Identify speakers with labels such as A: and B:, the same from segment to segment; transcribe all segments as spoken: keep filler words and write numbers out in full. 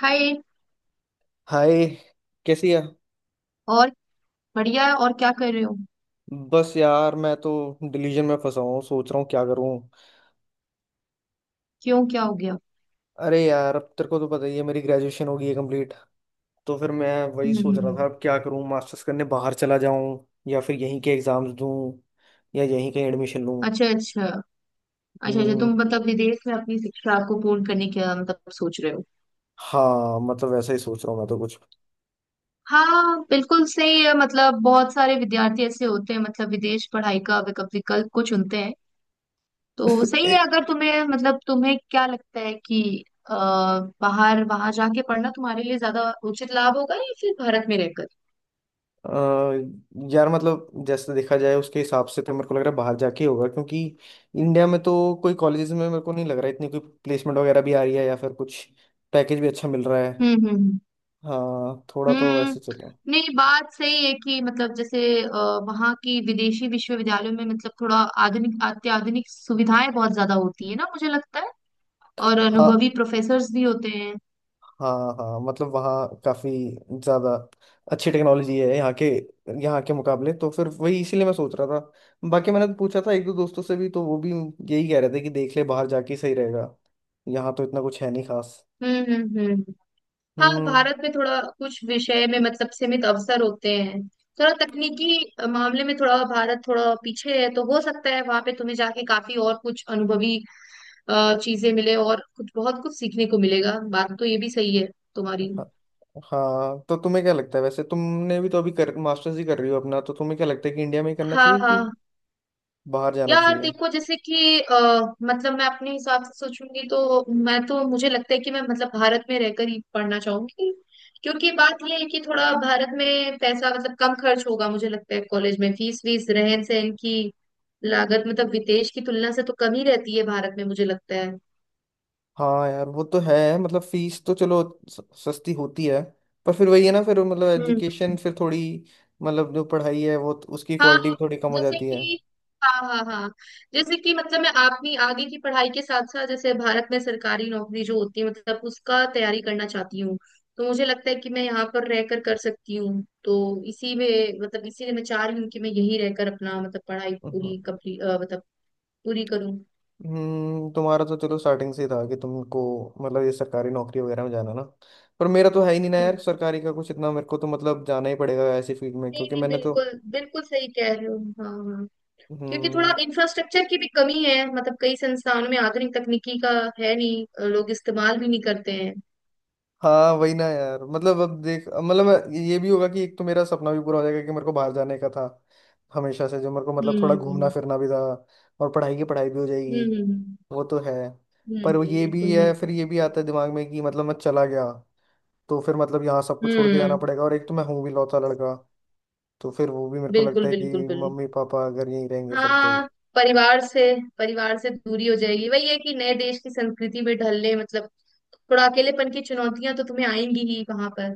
A: हाय।
B: Hi. कैसी है?
A: और बढ़िया है और क्या कर रहे हो?
B: बस यार मैं तो डिलीजन में फंसा हूँ, सोच रहा हूँ क्या करूँ।
A: क्यों? क्या हो गया?
B: अरे यार, अब तेरे को तो पता ही है मेरी ग्रेजुएशन हो गई है कंप्लीट। तो फिर मैं वही
A: हम्म हम्म,
B: सोच रहा
A: हम्म।
B: था अब क्या करूँ, मास्टर्स करने बाहर चला जाऊँ या फिर यहीं के एग्जाम्स दूँ या यहीं कहीं एडमिशन लूँ।
A: अच्छा अच्छा। अच्छा अच्छा, तुम
B: हम्म,
A: मतलब विदेश में अपनी शिक्षा को पूर्ण करने का मतलब सोच रहे हो?
B: हाँ मतलब वैसा ही सोच रहा हूँ मैं तो कुछ।
A: हाँ, बिल्कुल सही है। मतलब बहुत सारे विद्यार्थी ऐसे होते हैं, मतलब विदेश पढ़ाई का विकल्प विकल्प को चुनते हैं। तो सही है, अगर तुम्हें मतलब तुम्हें क्या लगता है कि अ, बाहर वहां जाके पढ़ना तुम्हारे लिए ज्यादा उचित लाभ होगा या फिर भारत में रहकर?
B: अ, यार मतलब जैसे देखा जाए उसके हिसाब से तो मेरे को लग रहा है बाहर जाके ही होगा क्योंकि इंडिया में तो कोई कॉलेजेस में मेरे को नहीं लग रहा है इतनी कोई प्लेसमेंट वगैरह भी आ रही है या फिर कुछ पैकेज भी अच्छा मिल रहा है।
A: हम्म हम्म हम्म।
B: हाँ थोड़ा तो
A: हम्म।
B: ऐसे चल रहा है।
A: नहीं, बात सही है कि मतलब जैसे अ, वहाँ की विदेशी विश्वविद्यालयों में मतलब थोड़ा आधुनिक अत्याधुनिक सुविधाएं बहुत ज्यादा होती है ना, मुझे लगता है। और
B: हाँ,
A: अनुभवी प्रोफेसर्स भी होते हैं।
B: हाँ हाँ मतलब वहाँ काफ़ी ज़्यादा अच्छी टेक्नोलॉजी है यहाँ के यहाँ के मुकाबले। तो फिर वही इसीलिए मैं सोच रहा था। बाकी मैंने तो पूछा था एक दो दोस्तों से भी, तो वो भी यही कह रहे थे कि देख ले बाहर जाके ही सही रहेगा, यहाँ तो इतना कुछ है नहीं खास।
A: हम्म हम्म हम्म। हाँ,
B: हम्म।
A: भारत में थोड़ा कुछ विषय में मतलब सीमित अवसर होते हैं। थोड़ा तकनीकी अ, मामले में थोड़ा भारत थोड़ा पीछे है, तो हो सकता है वहां पे तुम्हें जाके काफी और कुछ अनुभवी अ, चीजें मिले और कुछ बहुत कुछ सीखने को मिलेगा। बात तो ये भी सही है तुम्हारी।
B: हाँ हाँ, तो तुम्हें क्या लगता है वैसे? तुमने भी तो अभी कर मास्टर्स ही कर रही हो अपना, तो तुम्हें क्या लगता है कि इंडिया में ही करना
A: हाँ
B: चाहिए कि
A: हाँ।
B: बाहर जाना
A: यार
B: चाहिए?
A: देखो, जैसे कि अ, मतलब मैं अपने हिसाब से सोचूंगी तो मैं तो मुझे लगता है कि मैं मतलब भारत में रहकर ही पढ़ना चाहूंगी। क्योंकि बात यह है कि थोड़ा भारत में पैसा मतलब कम खर्च होगा मुझे लगता है, कॉलेज में फीस वीस रहन सहन की लागत मतलब विदेश की तुलना से तो कम ही रहती है भारत में, मुझे लगता है।
B: हाँ यार वो तो है, मतलब फीस तो चलो स- सस्ती होती है, पर फिर वही है ना, फिर मतलब एजुकेशन
A: हम्म।
B: फिर थोड़ी, मतलब जो पढ़ाई है वो तो उसकी
A: हाँ।
B: क्वालिटी भी थोड़ी कम हो
A: जैसे
B: जाती है।
A: कि। हाँ हाँ हाँ। जैसे कि मतलब मैं अपनी आगे की पढ़ाई के साथ साथ जैसे भारत में सरकारी नौकरी जो होती है, मतलब उसका तैयारी करना चाहती हूँ, तो मुझे लगता है कि मैं यहाँ पर रहकर कर सकती हूँ। तो इसी में मतलब इसीलिए मैं चाह रही हूँ कि मैं यहीं रहकर अपना मतलब पढ़ाई
B: हम्म,
A: पूरी कंप्लीट मतलब पूरी करूँ।
B: हम्म, तुम्हारा तो चलो स्टार्टिंग से ही था कि तुमको मतलब ये सरकारी नौकरी वगैरह में जाना ना, पर मेरा तो है ही नहीं ना
A: हम्म।
B: यार सरकारी का कुछ इतना, मेरे को तो मतलब जाना ही पड़ेगा ऐसी फील्ड में
A: नहीं
B: क्योंकि
A: नहीं,
B: मैंने तो।
A: बिल्कुल बिल्कुल सही कह रहे हो। हाँ हाँ। क्योंकि थोड़ा
B: हम्म।
A: इंफ्रास्ट्रक्चर की भी कमी है, मतलब कई संस्थानों में आधुनिक तकनीकी का है नहीं, लोग इस्तेमाल भी नहीं करते हैं।
B: हाँ वही ना यार, मतलब अब देख, मतलब मैं- ये भी होगा कि एक तो मेरा सपना भी पूरा हो जाएगा कि मेरे को बाहर जाने का था हमेशा से, जो मेरे को मतलब थोड़ा घूमना
A: हम्म
B: फिरना भी था और पढ़ाई की पढ़ाई भी हो जाएगी,
A: हम्म हम्म
B: वो तो है। पर वो
A: हम्म,
B: ये भी
A: बिल्कुल
B: है
A: बिल्कुल
B: फिर, ये भी
A: बिल्कुल।
B: आता है दिमाग में कि मतलब मैं चला गया तो फिर मतलब यहाँ सब कुछ छोड़ के जाना
A: हम्म।
B: पड़ेगा और एक तो मैं हूँ भी लौता लड़का, तो फिर वो भी मेरे को लगता
A: बिल्कुल
B: है
A: बिल्कुल
B: कि
A: बिल्कुल।
B: मम्मी पापा अगर यहीं रहेंगे फिर तो।
A: हाँ। परिवार से परिवार से दूरी हो जाएगी, वही है कि नए देश की संस्कृति में ढलने मतलब थोड़ा अकेलेपन की चुनौतियां तो तुम्हें आएंगी ही वहां पर।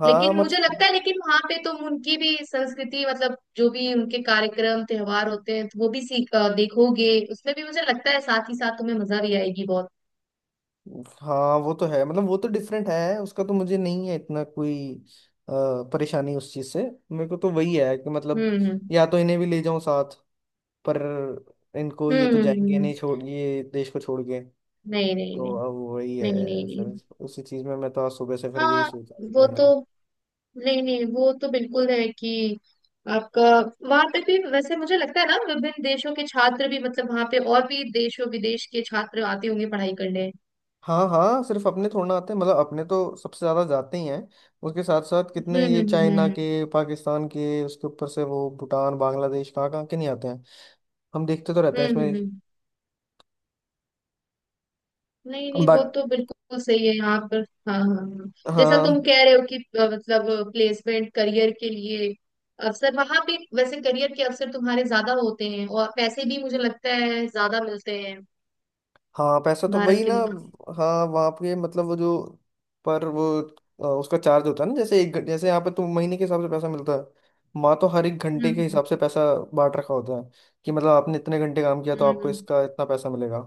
B: हाँ
A: लेकिन मुझे
B: मत,
A: लगता है, लेकिन वहां पे तुम उनकी भी संस्कृति मतलब जो भी उनके कार्यक्रम त्योहार होते हैं तो वो भी सीख अ, देखोगे, उसमें भी मुझे लगता है साथ ही साथ तुम्हें मजा भी आएगी बहुत।
B: हाँ वो तो है, मतलब वो तो डिफरेंट है, उसका तो मुझे नहीं है इतना कोई अ, परेशानी उस चीज से। मेरे को तो वही है कि मतलब
A: हम्म हम्म
B: या तो इन्हें भी ले जाऊं साथ, पर इनको ये
A: हम्म
B: तो
A: हम्म,
B: जाएंगे
A: हम्म। हम्म।
B: नहीं छोड़, ये देश को छोड़ के।
A: नहीं नहीं
B: तो
A: नहीं।
B: अब वही
A: नहीं नहीं
B: है फिर,
A: नहीं।
B: उसी चीज में मैं तो आज सुबह से फिर यही
A: हाँ,
B: सोच रहा था
A: वो
B: क्या
A: तो।
B: करूं।
A: नहीं नहीं, वो तो बिल्कुल है कि आपका वहां पे भी वैसे मुझे लगता है ना विभिन्न देशों के छात्र भी मतलब वहां पे और भी देशों विदेश के छात्र आते होंगे पढ़ाई करने।
B: हाँ हाँ, सिर्फ अपने थोड़ा ना आते हैं, मतलब अपने तो सबसे ज्यादा जाते ही हैं, उसके साथ साथ
A: हम्म
B: कितने ये
A: हम्म
B: चाइना
A: हम्म
B: के, पाकिस्तान के, उसके ऊपर से वो भूटान, बांग्लादेश, कहाँ कहाँ के नहीं आते हैं, हम देखते तो रहते
A: हम्म
B: हैं इसमें।
A: हम्म, हम्म। हम्म। नहीं नहीं, वो
B: बाक,
A: तो बिल्कुल सही है यहाँ पर। हाँ हाँ हाँ। जैसा
B: हाँ
A: तुम कह रहे हो कि अ, मतलब प्लेसमेंट करियर के लिए अवसर वहां पे, वैसे करियर के अवसर तुम्हारे ज्यादा होते हैं, और पैसे भी मुझे लगता है ज्यादा मिलते हैं
B: हाँ, पैसा तो
A: भारत
B: वही
A: के
B: ना,
A: मुकाबले।
B: हाँ वहाँ पे मतलब वो जो, पर वो अ, उसका चार्ज होता है ना, जैसे एक घं- जैसे यहाँ पे तो महीने के हिसाब से पैसा मिलता है, वहाँ तो हर एक घंटे
A: हम्म
B: के
A: हम्म
B: हिसाब से पैसा बांट रखा होता है कि मतलब आपने इतने घंटे काम किया तो
A: हम्म,
B: आपको
A: हम्म।
B: इसका इतना पैसा मिलेगा।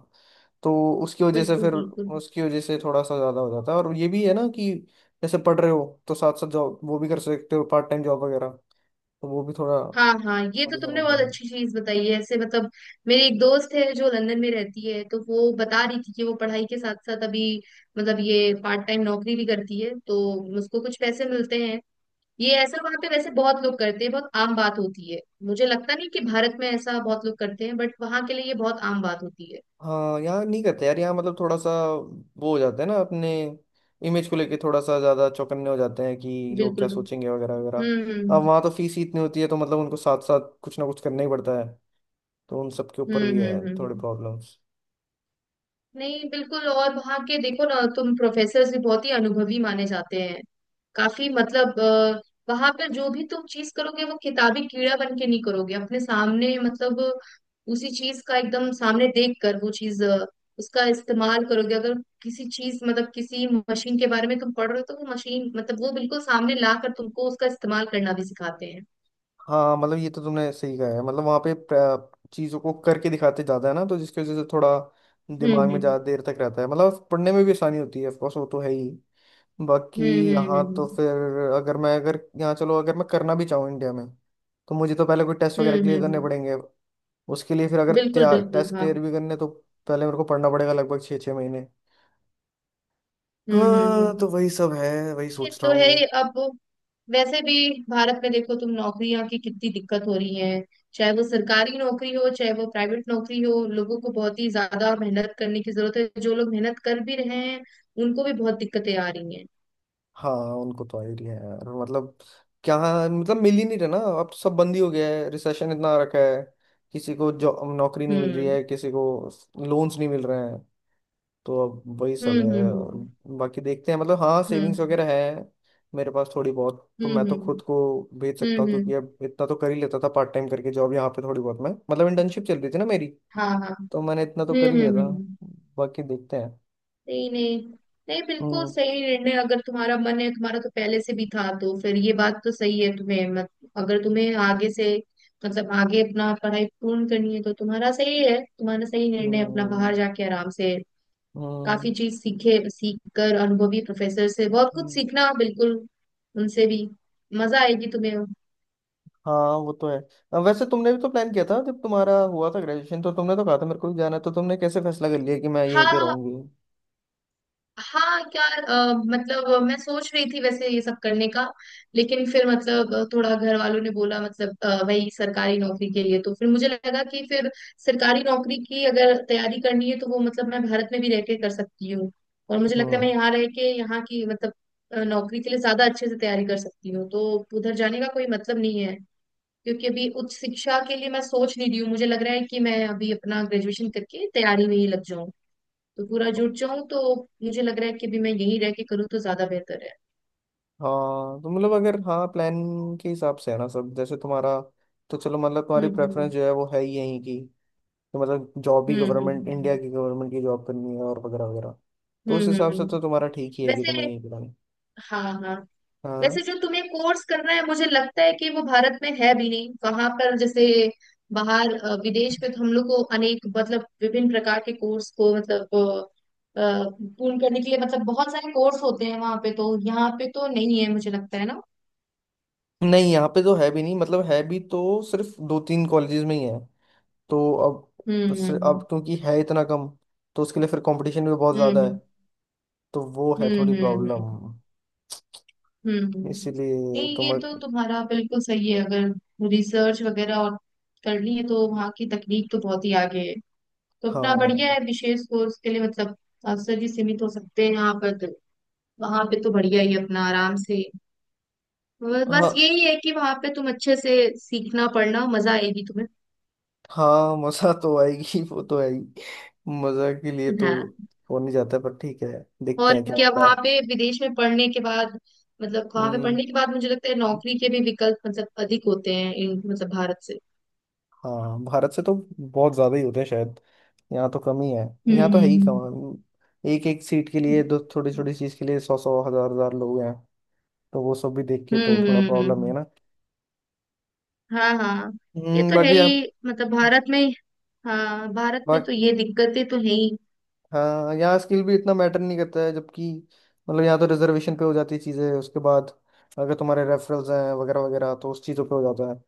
B: तो उसकी वजह से
A: बिल्कुल
B: फिर,
A: बिल्कुल।
B: उसकी वजह से थोड़ा सा ज़्यादा हो जाता है और ये भी है ना कि जैसे पढ़ रहे हो तो साथ साथ जॉब वो भी कर सकते हो, पार्ट टाइम जॉब वगैरह, तो वो भी थोड़ा
A: हाँ हाँ, ये तो
B: बढ़िया
A: तुमने बहुत
B: रहता।
A: अच्छी चीज बताई है, ऐसे मतलब। मेरी एक दोस्त है जो लंदन में रहती है, तो वो बता रही थी कि वो पढ़ाई के साथ साथ अभी मतलब ये पार्ट टाइम नौकरी भी करती है, तो उसको कुछ पैसे मिलते हैं। ये ऐसा वहां पे वैसे बहुत लोग करते हैं, बहुत आम बात होती है। मुझे लगता नहीं कि भारत में ऐसा बहुत लोग करते हैं, बट वहां के लिए ये बहुत आम बात होती है।
B: हाँ यहाँ नहीं करते यार, यहाँ मतलब थोड़ा सा वो हो जाता है ना अपने इमेज को लेके, थोड़ा सा ज़्यादा चौकन्ने हो जाते हैं कि लोग क्या
A: बिल्कुल बिल्कुल।
B: सोचेंगे वगैरह वगैरह।
A: हम्म
B: अब
A: हम्म
B: वहाँ तो फीस ही इतनी होती है तो मतलब उनको साथ साथ कुछ ना कुछ करना ही पड़ता है, तो उन सब के ऊपर
A: हम्म
B: भी
A: हम्म
B: है थोड़े
A: हम्म।
B: प्रॉब्लम्स।
A: नहीं बिल्कुल, और वहाँ के देखो ना तुम प्रोफेसर्स भी बहुत ही अनुभवी माने जाते हैं। काफी मतलब अ, वहाँ पर जो भी तुम चीज करोगे वो किताबी कीड़ा बन के नहीं करोगे, अपने सामने मतलब उसी चीज का एकदम सामने देख कर वो चीज अ, उसका इस्तेमाल करोगे। अगर किसी चीज मतलब किसी मशीन के बारे में तुम पढ़ रहे हो, तो वो मशीन मतलब वो बिल्कुल सामने ला कर तुमको उसका इस्तेमाल करना भी सिखाते हैं।
B: हाँ मतलब ये तो तुमने सही कहा है, मतलब वहाँ पे प्र- चीज़ों को करके दिखाते ज़्यादा है ना, तो जिसकी वजह से थोड़ा दिमाग में
A: हम्म
B: ज़्यादा देर तक रहता है, मतलब पढ़ने में भी आसानी होती है, ऑफकोर्स वो तो है ही। बाकी
A: हम्म हम्म
B: यहाँ
A: हम्म
B: तो
A: हम्म
B: फिर अगर मैं, अगर यहाँ चलो अगर मैं करना भी चाहूँ इंडिया में, तो मुझे तो पहले कोई टेस्ट
A: हम्म
B: वगैरह
A: हम्म,
B: क्लियर
A: हम्म,
B: करने
A: हम्म,
B: पड़ेंगे, उसके लिए फिर अगर
A: बिल्कुल बिल्कुल
B: टेस्ट
A: हाँ।
B: क्लियर भी करने तो पहले मेरे को पढ़ना पड़ेगा लगभग छः छः महीने।
A: हम्म हम्म
B: हाँ
A: हम्म।
B: तो वही सब है, वही
A: ये
B: सोच रहा
A: तो है ही।
B: हूँ।
A: अब वैसे भी भारत में देखो, तुम नौकरियां की कितनी दिक्कत हो रही है, चाहे वो सरकारी नौकरी हो चाहे वो प्राइवेट नौकरी हो। लोगों को बहुत ही ज्यादा मेहनत करने की जरूरत है, जो लोग मेहनत कर भी रहे हैं उनको भी बहुत दिक्कतें आ रही हैं।
B: हाँ उनको तो आइडिया है यार, मतलब क्या, मतलब मिल ही नहीं रहा ना, अब तो सब बंद ही हो गया है, रिसेशन इतना आ रखा है, किसी को जॉब नौकरी नहीं मिल रही
A: हम्म
B: है, किसी को लोन्स नहीं मिल रहे हैं, तो अब वही सब
A: हम्म
B: है। और
A: हम्म
B: बाकी देखते हैं, मतलब हाँ सेविंग्स
A: हम्म
B: वगैरह है मेरे पास थोड़ी बहुत, तो
A: हम्म
B: मैं तो खुद
A: हम्म
B: को भेज सकता हूँ
A: हम्म
B: क्योंकि
A: हम्म,
B: अब इतना तो कर ही लेता था पार्ट टाइम करके जॉब यहाँ पे थोड़ी बहुत, मैं मतलब इंटर्नशिप चल रही थी ना मेरी,
A: हाँ हाँ।
B: तो मैंने इतना तो
A: हम्म
B: कर ही लिया
A: हम्म
B: था।
A: हम्म।
B: बाकी देखते हैं।
A: नहीं नहीं नहीं, बिल्कुल
B: हम्म,
A: सही निर्णय। अगर तुम्हारा मन है, तुम्हारा तो पहले से भी था, तो फिर ये बात तो सही है। तुम्हें मत, अगर तुम्हें आगे से मतलब आगे अपना पढ़ाई पूर्ण करनी है तो तुम्हारा सही है, तुम्हारा सही निर्णय अपना
B: हम्म,
A: बाहर जाके आराम से
B: हम्म,
A: काफी चीज सीखे सीख कर अनुभवी प्रोफेसर से बहुत कुछ
B: हम्म,
A: सीखना। बिल्कुल उनसे भी मजा आएगी तुम्हें।
B: हाँ वो तो है। अ, वैसे तुमने भी तो प्लान किया था जब तुम्हारा हुआ था ग्रेजुएशन, तो तुमने तो कहा था मेरे को भी जाना है, तो तुमने कैसे फैसला कर लिया कि मैं यहीं पे
A: हाँ
B: रहूंगी?
A: हाँ यार, अ, मतलब मैं सोच रही थी वैसे ये सब करने का, लेकिन फिर मतलब अ, थोड़ा घर वालों ने बोला मतलब अ, वही सरकारी नौकरी के लिए, तो फिर मुझे लगा कि फिर सरकारी नौकरी की अगर तैयारी करनी है तो वो मतलब मैं भारत में भी रह के कर सकती हूँ। और मुझे लगता है मैं
B: हम्म।
A: यहाँ रह के यहाँ की मतलब अ, नौकरी के लिए ज्यादा अच्छे से तैयारी कर सकती हूँ, तो उधर जाने का कोई मतलब नहीं है। क्योंकि अभी उच्च शिक्षा के लिए मैं सोच नहीं रही हूँ, मुझे लग रहा है कि मैं अभी अपना ग्रेजुएशन करके तैयारी में ही लग जाऊँ, तो पूरा जुट जाऊं, तो मुझे लग रहा है कि अभी मैं यहीं रह के करूँ तो ज्यादा बेहतर है।
B: हाँ तो मतलब अगर, हाँ प्लान के हिसाब से है ना सब जैसे तुम्हारा, तो चलो मतलब तुम्हारी प्रेफरेंस
A: हम्म
B: जो है वो है ही यहीं की, तो मतलब जॉब भी
A: हम्म
B: गवर्नमेंट, इंडिया
A: हम्म
B: की गवर्नमेंट की जॉब करनी है और वगैरह वगैरह, तो
A: हम्म
B: उस
A: हम्म
B: हिसाब से
A: हम्म।
B: तो तुम्हारा ठीक ही है कि
A: वैसे।
B: तुम्हें यहीं करानी।
A: हाँ हाँ। वैसे
B: हाँ
A: जो तुम्हें कोर्स करना है मुझे लगता है कि वो भारत में है भी नहीं। वहां पर जैसे बाहर अ, विदेश में तो हम लोग को अनेक मतलब विभिन्न प्रकार के कोर्स को मतलब अ, अ, पूर्ण करने के लिए मतलब बहुत सारे कोर्स होते हैं वहां पे। तो यहाँ पे तो नहीं है मुझे लगता है ना।
B: नहीं, यहाँ पे तो है भी नहीं, मतलब है भी तो सिर्फ दो तीन कॉलेजेस में ही है, तो अब
A: हम्म
B: बस अब
A: हम्म
B: क्योंकि है इतना कम तो उसके लिए फिर कंपटीशन भी बहुत ज़्यादा है,
A: हम्म
B: तो वो है
A: हम्म
B: थोड़ी
A: हम्म हम्म हम्म,
B: प्रॉब्लम।
A: हम्म। हम्म।
B: इसीलिए
A: नहीं,
B: तुम,
A: ये तो तुम्हारा बिल्कुल सही है। अगर रिसर्च वगैरह और करनी है, तो वहाँ की तकनीक तो बहुत ही आगे है। तो अपना
B: हाँ यार।
A: बढ़िया है विशेष कोर्स के लिए मतलब मास्टर जी सीमित हो सकते हैं यहाँ पर, तो वहाँ पे तो बढ़िया ही है अपना आराम से। ब-
B: हाँ
A: बस यही है कि वहाँ पे तुम अच्छे से सीखना पढ़ना मजा आएगी तुम्हें।
B: हाँ, मजा तो आएगी, वो तो आएगी, मजा के लिए तो
A: हाँ।
B: हो नहीं जाता, पर ठीक है, देखते
A: और
B: हैं क्या
A: क्या
B: होता
A: वहाँ
B: है।
A: पे विदेश में पढ़ने के बाद, मतलब वहाँ पे
B: हम्म।
A: पढ़ने के बाद, मुझे लगता है नौकरी के भी विकल्प मतलब अधिक होते हैं इन मतलब भारत से।
B: हाँ भारत से तो बहुत ज्यादा ही होते हैं शायद, यहाँ तो कम ही है,
A: हम्म
B: यहाँ तो है ही
A: हम्म
B: कम, एक एक सीट के लिए दो थोड़ी
A: हम्म।
B: छोटी चीज के लिए सौ सौ हजार हजार लोग हैं, तो वो सब भी देख के
A: हम्म
B: तो थोड़ा
A: हम्म, हम्म,
B: प्रॉब्लम है
A: हम्म।
B: ना।
A: हाँ हाँ, ये
B: हम्म,
A: तो है
B: बाकी
A: ही,
B: आप,
A: मतलब भारत में। हाँ, भारत में तो ये दिक्कतें तो है ही।
B: हाँ यहाँ स्किल भी इतना मैटर नहीं करता है जबकि, मतलब यहाँ तो रिजर्वेशन पे हो जाती है चीज़ें, उसके बाद अगर तुम्हारे रेफरल्स हैं वगैरह वगैरह, तो उस चीज़ों पे हो जाता है,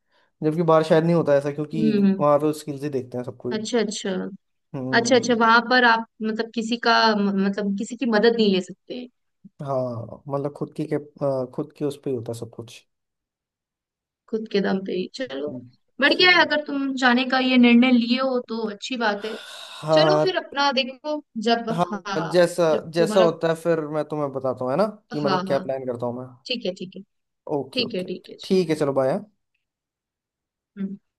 B: जबकि बाहर शायद नहीं होता ऐसा क्योंकि
A: हम्म।
B: वहाँ तो स्किल्स ही देखते हैं सब कोई।
A: अच्छा अच्छा। अच्छा अच्छा,
B: हम्म।
A: वहां पर आप मतलब किसी का म- मतलब किसी की मदद नहीं ले सकते?
B: हाँ मतलब खुद की के आ, खुद की उस पे ही होता है सब कुछ।
A: खुद के दम पे ही। चलो बढ़िया है,
B: चलो।
A: अगर तुम जाने का ये निर्णय लिए हो तो अच्छी बात है। चलो
B: हाँ
A: फिर अपना देखो। जब,
B: हाँ,
A: हाँ,
B: जैसा,
A: जब
B: जैसा
A: तुम्हारा,
B: होता है फिर मैं तुम्हें बताता हूँ है ना, कि
A: हाँ
B: मतलब क्या
A: हाँ,
B: प्लान करता हूँ मैं।
A: ठीक है ठीक है।
B: ओके
A: ठीक है
B: ओके।
A: ठीक है चलो।
B: ठीक है चलो, बाय।
A: हम्म।